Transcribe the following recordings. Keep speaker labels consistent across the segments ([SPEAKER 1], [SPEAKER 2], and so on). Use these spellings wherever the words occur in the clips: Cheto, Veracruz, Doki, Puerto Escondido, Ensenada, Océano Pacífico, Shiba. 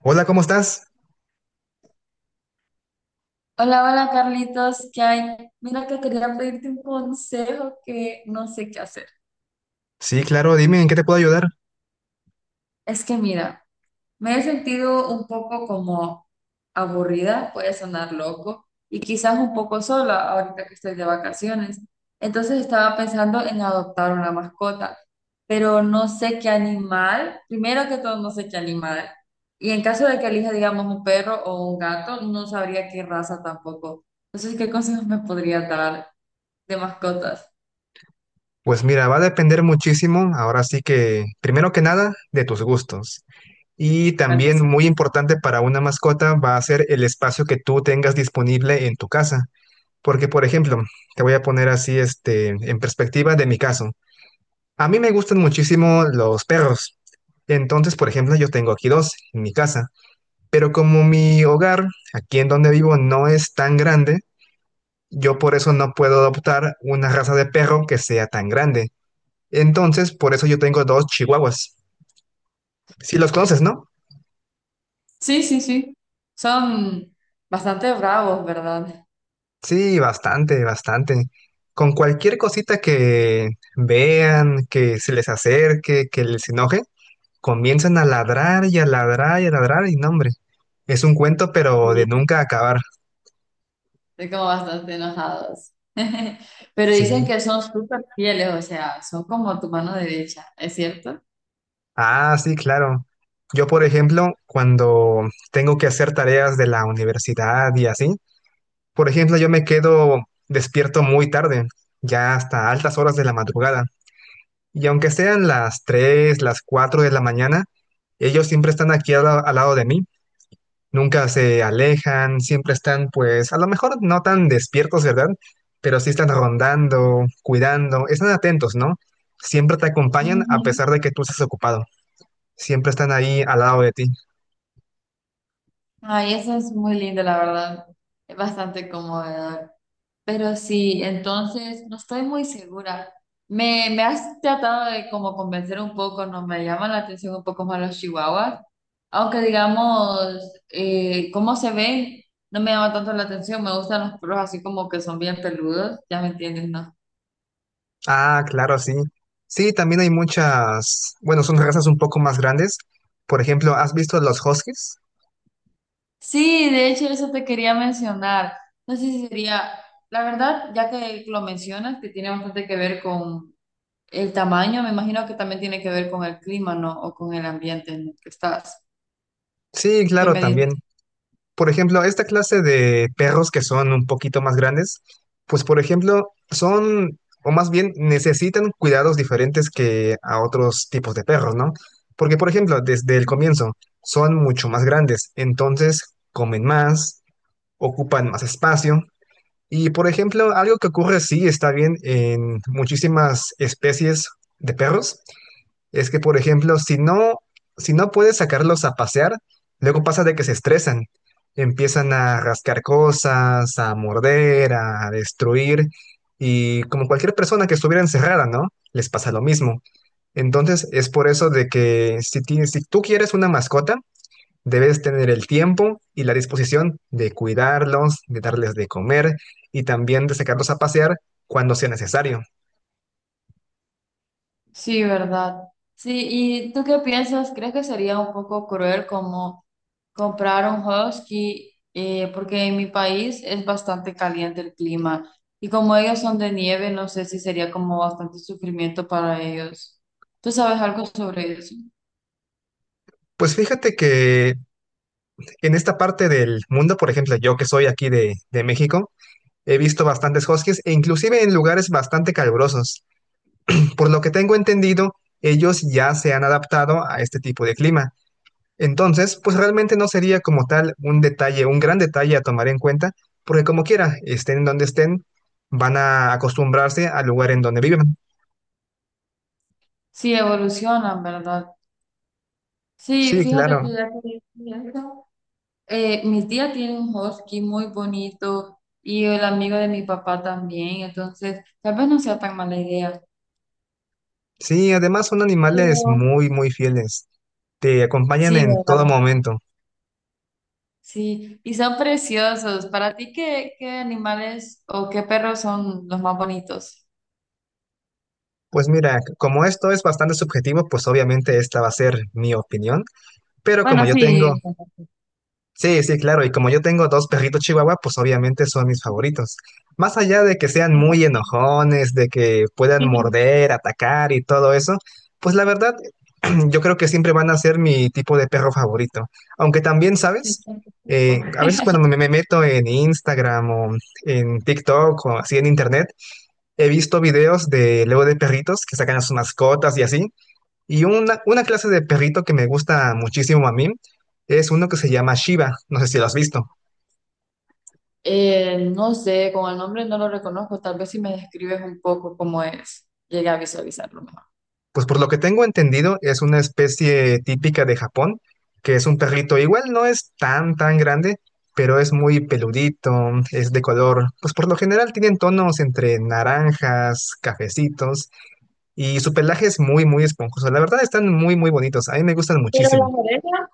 [SPEAKER 1] Hola, ¿cómo estás?
[SPEAKER 2] Hola, hola Carlitos, ¿qué hay? Mira que quería pedirte un consejo que no sé qué hacer.
[SPEAKER 1] Sí, claro, dime, ¿en qué te puedo ayudar?
[SPEAKER 2] Es que mira, me he sentido un poco como aburrida, puede sonar loco, y quizás un poco sola ahorita que estoy de vacaciones. Entonces estaba pensando en adoptar una mascota, pero no sé qué animal, primero que todo no sé qué animal, y en caso de que elija, digamos, un perro o un gato, no sabría qué raza tampoco. Entonces, ¿qué consejos me podría dar de mascotas?
[SPEAKER 1] Pues mira, va a depender muchísimo, ahora sí que, primero que nada, de tus gustos. Y
[SPEAKER 2] Bueno,
[SPEAKER 1] también
[SPEAKER 2] sí.
[SPEAKER 1] muy importante para una mascota va a ser el espacio que tú tengas disponible en tu casa. Porque, por ejemplo, te voy a poner así, en perspectiva de mi caso. A mí me gustan muchísimo los perros. Entonces, por ejemplo, yo tengo aquí dos en mi casa. Pero como mi hogar, aquí en donde vivo, no es tan grande. Yo por eso no puedo adoptar una raza de perro que sea tan grande. Entonces, por eso yo tengo dos chihuahuas. Si los conoces, ¿no?
[SPEAKER 2] Sí, sí, sí. Son bastante bravos, ¿verdad?
[SPEAKER 1] Sí, bastante, bastante. Con cualquier cosita que vean, que se les acerque, que les enoje, comienzan a ladrar y a ladrar y a ladrar y no, hombre. Es un cuento, pero de
[SPEAKER 2] Sí.
[SPEAKER 1] nunca acabar.
[SPEAKER 2] Estoy como bastante enojados. Pero dicen
[SPEAKER 1] Sí.
[SPEAKER 2] que son súper fieles, o sea, son como tu mano derecha, ¿es cierto?
[SPEAKER 1] Ah, sí, claro. Yo, por ejemplo, cuando tengo que hacer tareas de la universidad y así, por ejemplo, yo me quedo despierto muy tarde, ya hasta altas horas de la madrugada. Y aunque sean las 3, las 4 de la mañana, ellos siempre están aquí al lado de mí. Nunca se alejan, siempre están, pues, a lo mejor no tan despiertos, ¿verdad? Pero sí están rondando, cuidando, están atentos, ¿no? Siempre te acompañan a
[SPEAKER 2] Ujú.
[SPEAKER 1] pesar de que tú estés ocupado. Siempre están ahí al lado de ti.
[SPEAKER 2] Ay, eso es muy lindo, la verdad. Es bastante cómodo. Pero sí, entonces no estoy muy segura. Me has tratado de como convencer un poco, no me llaman la atención un poco más los chihuahuas, aunque digamos, cómo se ven, no me llama tanto la atención, me gustan los perros así como que son bien peludos, ya me entiendes, ¿no?
[SPEAKER 1] Ah, claro, sí. Sí, también hay muchas, bueno, son razas un poco más grandes. Por ejemplo, ¿has visto los huskies?
[SPEAKER 2] Sí, de hecho eso te quería mencionar. No sé si sería, la verdad, ya que lo mencionas, que tiene bastante que ver con el tamaño, me imagino que también tiene que ver con el clima, ¿no? O con el ambiente en el que estás.
[SPEAKER 1] Sí,
[SPEAKER 2] ¿Qué
[SPEAKER 1] claro,
[SPEAKER 2] me dices?
[SPEAKER 1] también. Por ejemplo, esta clase de perros que son un poquito más grandes, pues por ejemplo, son, o más bien necesitan cuidados diferentes que a otros tipos de perros, ¿no? Porque, por ejemplo, desde el comienzo son mucho más grandes, entonces comen más, ocupan más espacio. Y por ejemplo, algo que ocurre, sí, está bien en muchísimas especies de perros, es que por ejemplo, si no, si no puedes sacarlos a pasear, luego pasa de que se estresan, empiezan a rascar cosas, a morder, a destruir, y como cualquier persona que estuviera encerrada, ¿no? Les pasa lo mismo. Entonces, es por eso de que si tú quieres una mascota, debes tener el tiempo y la disposición de cuidarlos, de darles de comer y también de sacarlos a pasear cuando sea necesario.
[SPEAKER 2] Sí, ¿verdad? Sí, ¿y tú qué piensas? ¿Crees que sería un poco cruel como comprar un husky? Porque en mi país es bastante caliente el clima y como ellos son de nieve, no sé si sería como bastante sufrimiento para ellos. ¿Tú sabes algo sobre eso?
[SPEAKER 1] Pues fíjate que en esta parte del mundo, por ejemplo, yo que soy aquí de México, he visto bastantes huskies e inclusive en lugares bastante calurosos. Por lo que tengo entendido, ellos ya se han adaptado a este tipo de clima. Entonces, pues realmente no sería como tal un detalle, un gran detalle a tomar en cuenta, porque como quiera, estén donde estén, van a acostumbrarse al lugar en donde viven.
[SPEAKER 2] Sí, evolucionan, ¿verdad? Sí,
[SPEAKER 1] Sí,
[SPEAKER 2] fíjate
[SPEAKER 1] claro.
[SPEAKER 2] que ya que dije eso, mi tía tiene un husky muy bonito y el amigo de mi papá también, entonces tal vez no sea tan mala idea.
[SPEAKER 1] Sí, además son animales muy, muy fieles. Te acompañan
[SPEAKER 2] Sí,
[SPEAKER 1] en todo
[SPEAKER 2] ¿verdad?
[SPEAKER 1] momento.
[SPEAKER 2] Sí, y son preciosos. ¿Para ti qué, qué animales o qué perros son los más bonitos?
[SPEAKER 1] Pues mira, como esto es bastante subjetivo, pues obviamente esta va a ser mi opinión, pero como
[SPEAKER 2] Bueno,
[SPEAKER 1] yo
[SPEAKER 2] sí.
[SPEAKER 1] tengo, sí, sí, claro. Y como yo tengo dos perritos chihuahua, pues obviamente son mis favoritos. Más allá de que sean muy enojones, de que puedan morder, atacar y todo eso, pues la verdad, yo creo que siempre van a ser mi tipo de perro favorito. Aunque también,
[SPEAKER 2] Sí.
[SPEAKER 1] ¿sabes? A veces cuando me meto en Instagram o en TikTok o así en internet, he visto videos de luego de perritos que sacan a sus mascotas y así. Y una clase de perrito que me gusta muchísimo a mí es uno que se llama Shiba, no sé si lo has visto.
[SPEAKER 2] No sé, con el nombre no lo reconozco. Tal vez si me describes un poco cómo es, llegué a visualizarlo mejor.
[SPEAKER 1] Pues por lo que tengo entendido es una especie típica de Japón, que es un perrito igual no es tan tan grande, pero es muy peludito, es de color, pues por lo general tienen tonos entre naranjas, cafecitos y su pelaje es muy muy esponjoso. La verdad están muy muy bonitos, a mí me gustan
[SPEAKER 2] Pero
[SPEAKER 1] muchísimo.
[SPEAKER 2] las orejas.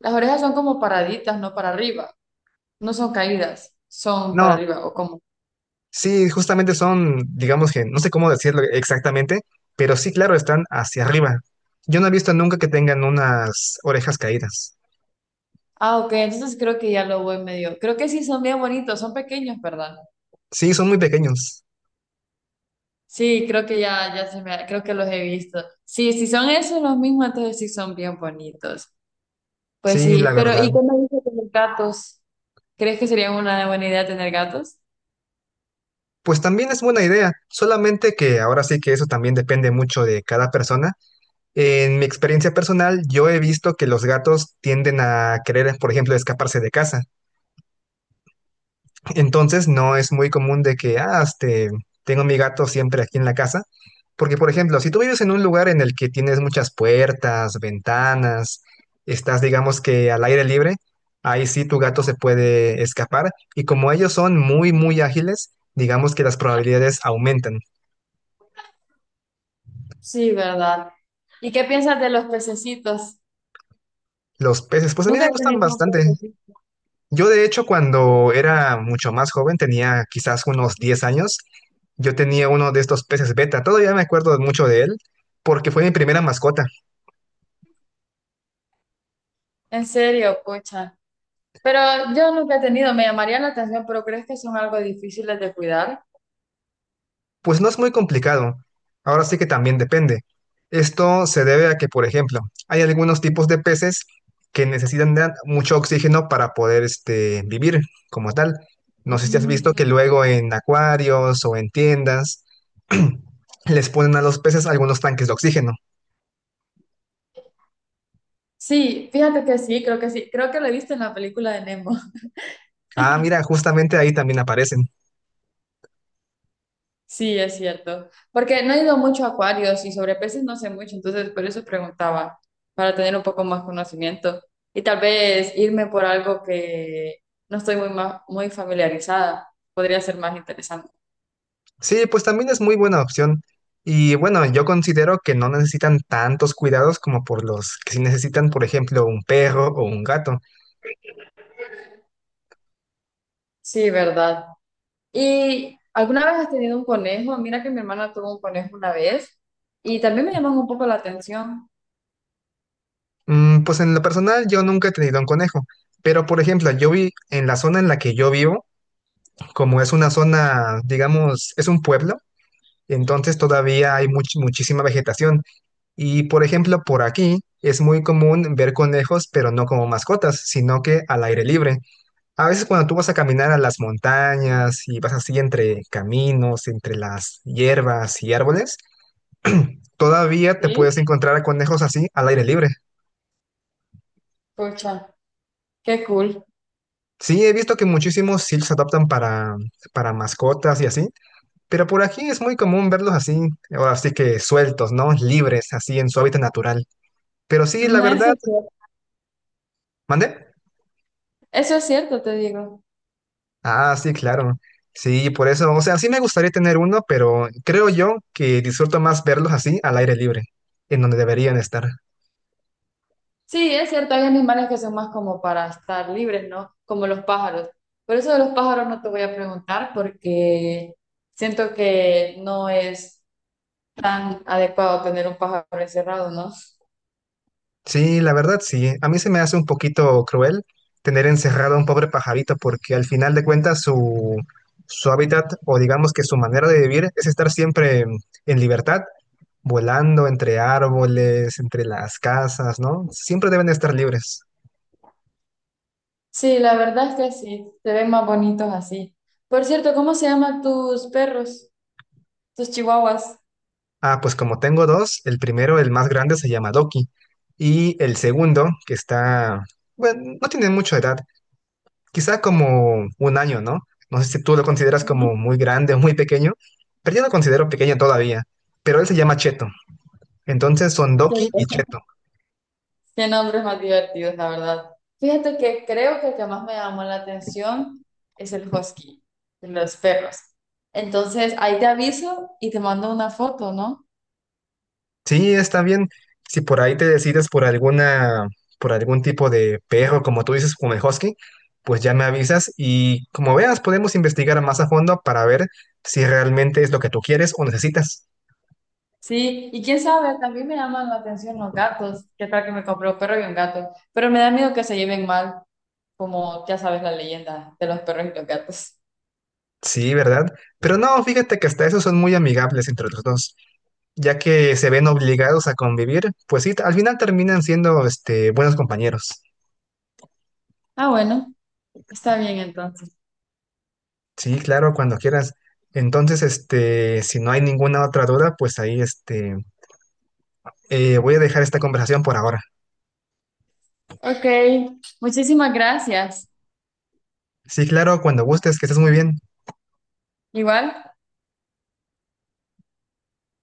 [SPEAKER 2] Las orejas son como paraditas, no para arriba. No son caídas, son para
[SPEAKER 1] No,
[SPEAKER 2] arriba o como.
[SPEAKER 1] sí, justamente son, digamos que, no sé cómo decirlo exactamente, pero sí, claro, están hacia arriba. Yo no he visto nunca que tengan unas orejas caídas.
[SPEAKER 2] Ah, ok, entonces creo que ya lo voy medio. Creo que sí son bien bonitos, son pequeños, ¿verdad?
[SPEAKER 1] Sí, son muy pequeños.
[SPEAKER 2] Sí, creo que ya se me, creo que los he visto. Sí, si son esos los mismos, entonces sí son bien bonitos. Pues
[SPEAKER 1] Sí,
[SPEAKER 2] sí,
[SPEAKER 1] la
[SPEAKER 2] pero
[SPEAKER 1] verdad.
[SPEAKER 2] ¿y qué me dices de los gatos? ¿Crees que sería una buena idea tener gatos?
[SPEAKER 1] Pues también es buena idea, solamente que ahora sí que eso también depende mucho de cada persona. En mi experiencia personal, yo he visto que los gatos tienden a querer, por ejemplo, escaparse de casa. Entonces no es muy común de que, tengo mi gato siempre aquí en la casa, porque por ejemplo, si tú vives en un lugar en el que tienes muchas puertas, ventanas, estás digamos que al aire libre, ahí sí tu gato se puede escapar y como ellos son muy, muy ágiles, digamos que las probabilidades aumentan.
[SPEAKER 2] Sí, ¿verdad? ¿Y qué piensas de los pececitos?
[SPEAKER 1] Los peces, pues a mí
[SPEAKER 2] Nunca
[SPEAKER 1] me
[SPEAKER 2] he
[SPEAKER 1] gustan
[SPEAKER 2] tenido un
[SPEAKER 1] bastante.
[SPEAKER 2] pececito.
[SPEAKER 1] Yo de hecho cuando era mucho más joven, tenía quizás unos 10 años, yo tenía uno de estos peces beta, todavía me acuerdo mucho de él, porque fue mi primera mascota.
[SPEAKER 2] En serio, pucha. Pero yo nunca he tenido, me llamaría la atención, pero ¿crees que son algo difíciles de cuidar?
[SPEAKER 1] Pues no es muy complicado, ahora sí que también depende. Esto se debe a que, por ejemplo, hay algunos tipos de peces que necesitan de mucho oxígeno para poder vivir como tal. No sé
[SPEAKER 2] Ujú,
[SPEAKER 1] si has visto que
[SPEAKER 2] ujú.
[SPEAKER 1] luego en acuarios o en tiendas les ponen a los peces algunos tanques de oxígeno.
[SPEAKER 2] Sí, fíjate que sí, creo que sí. Creo que lo he visto en la película de Nemo.
[SPEAKER 1] Ah, mira, justamente ahí también aparecen.
[SPEAKER 2] Sí, es cierto. Porque no he ido mucho a acuarios y sobre peces no sé mucho, entonces por eso preguntaba, para tener un poco más conocimiento y tal vez irme por algo que no estoy muy familiarizada. Podría ser más interesante.
[SPEAKER 1] Sí, pues también es muy buena opción. Y bueno, yo considero que no necesitan tantos cuidados como por los que sí necesitan, por ejemplo, un perro o un gato.
[SPEAKER 2] Sí, verdad. ¿Y alguna vez has tenido un conejo? Mira que mi hermana tuvo un conejo una vez y también me llamó un poco la atención.
[SPEAKER 1] Mm, pues en lo personal, yo nunca he tenido un conejo. Pero, por ejemplo, yo vi en la zona en la que yo vivo, como es una zona, digamos, es un pueblo, entonces todavía hay muchísima vegetación. Y, por ejemplo, por aquí es muy común ver conejos, pero no como mascotas, sino que al aire libre. A veces cuando tú vas a caminar a las montañas y vas así entre caminos, entre las hierbas y árboles, todavía te
[SPEAKER 2] Sí.
[SPEAKER 1] puedes encontrar a conejos así al aire libre.
[SPEAKER 2] Pucha, qué cool.
[SPEAKER 1] Sí, he visto que muchísimos sí los adoptan para mascotas y así, pero por aquí es muy común verlos así, ahora sí que sueltos, ¿no? Libres, así en su hábitat natural. Pero sí, la
[SPEAKER 2] Mm, eso
[SPEAKER 1] verdad,
[SPEAKER 2] es cierto,
[SPEAKER 1] ¿mandé?
[SPEAKER 2] eso es cierto, te digo.
[SPEAKER 1] Ah, sí, claro. Sí, por eso, o sea, sí me gustaría tener uno, pero creo yo que disfruto más verlos así al aire libre, en donde deberían estar.
[SPEAKER 2] Sí, es cierto, hay animales que son más como para estar libres, ¿no? Como los pájaros. Por eso de los pájaros no te voy a preguntar porque siento que no es tan adecuado tener un pájaro encerrado, ¿no?
[SPEAKER 1] Sí, la verdad, sí. A mí se me hace un poquito cruel tener encerrado a un pobre pajarito porque al final de cuentas su, su hábitat o digamos que su manera de vivir es estar siempre en libertad, volando entre árboles, entre las casas, ¿no? Siempre deben estar libres.
[SPEAKER 2] Sí, la verdad es que sí, se ven más bonitos así. Por cierto, ¿cómo se llaman tus perros, tus chihuahuas?
[SPEAKER 1] Ah, pues como tengo dos, el primero, el más grande, se llama Doki. Y el segundo, que está, bueno, no tiene mucha edad, quizá como un año, ¿no? No sé si tú lo consideras
[SPEAKER 2] Ujú.
[SPEAKER 1] como muy grande o muy pequeño, pero yo lo considero pequeño todavía. Pero él se llama Cheto. Entonces son Doki y Cheto.
[SPEAKER 2] Qué nombres más divertidos, la verdad. Fíjate que creo que el que más me llamó la atención es el husky, de los perros. Entonces, ahí te aviso y te mando una foto, ¿no?
[SPEAKER 1] Sí, está bien. Si por ahí te decides por alguna, por algún tipo de perro, como tú dices, como el husky, pues ya me avisas y como veas, podemos investigar más a fondo para ver si realmente es lo que tú quieres o necesitas.
[SPEAKER 2] Sí, y quién sabe, también me llaman la atención los gatos. ¿Qué tal que me compré un perro y un gato? Pero me da miedo que se lleven mal, como ya sabes la leyenda de los perros y los gatos.
[SPEAKER 1] Sí, ¿verdad? Pero no, fíjate que hasta esos son muy amigables entre los dos, ya que se ven obligados a convivir, pues sí, al final terminan siendo, buenos compañeros.
[SPEAKER 2] Ah, bueno, está bien entonces.
[SPEAKER 1] Sí, claro, cuando quieras. Entonces, si no hay ninguna otra duda, pues ahí, voy a dejar esta conversación por ahora.
[SPEAKER 2] Ok, muchísimas gracias.
[SPEAKER 1] Sí, claro, cuando gustes, que estés muy bien.
[SPEAKER 2] Igual.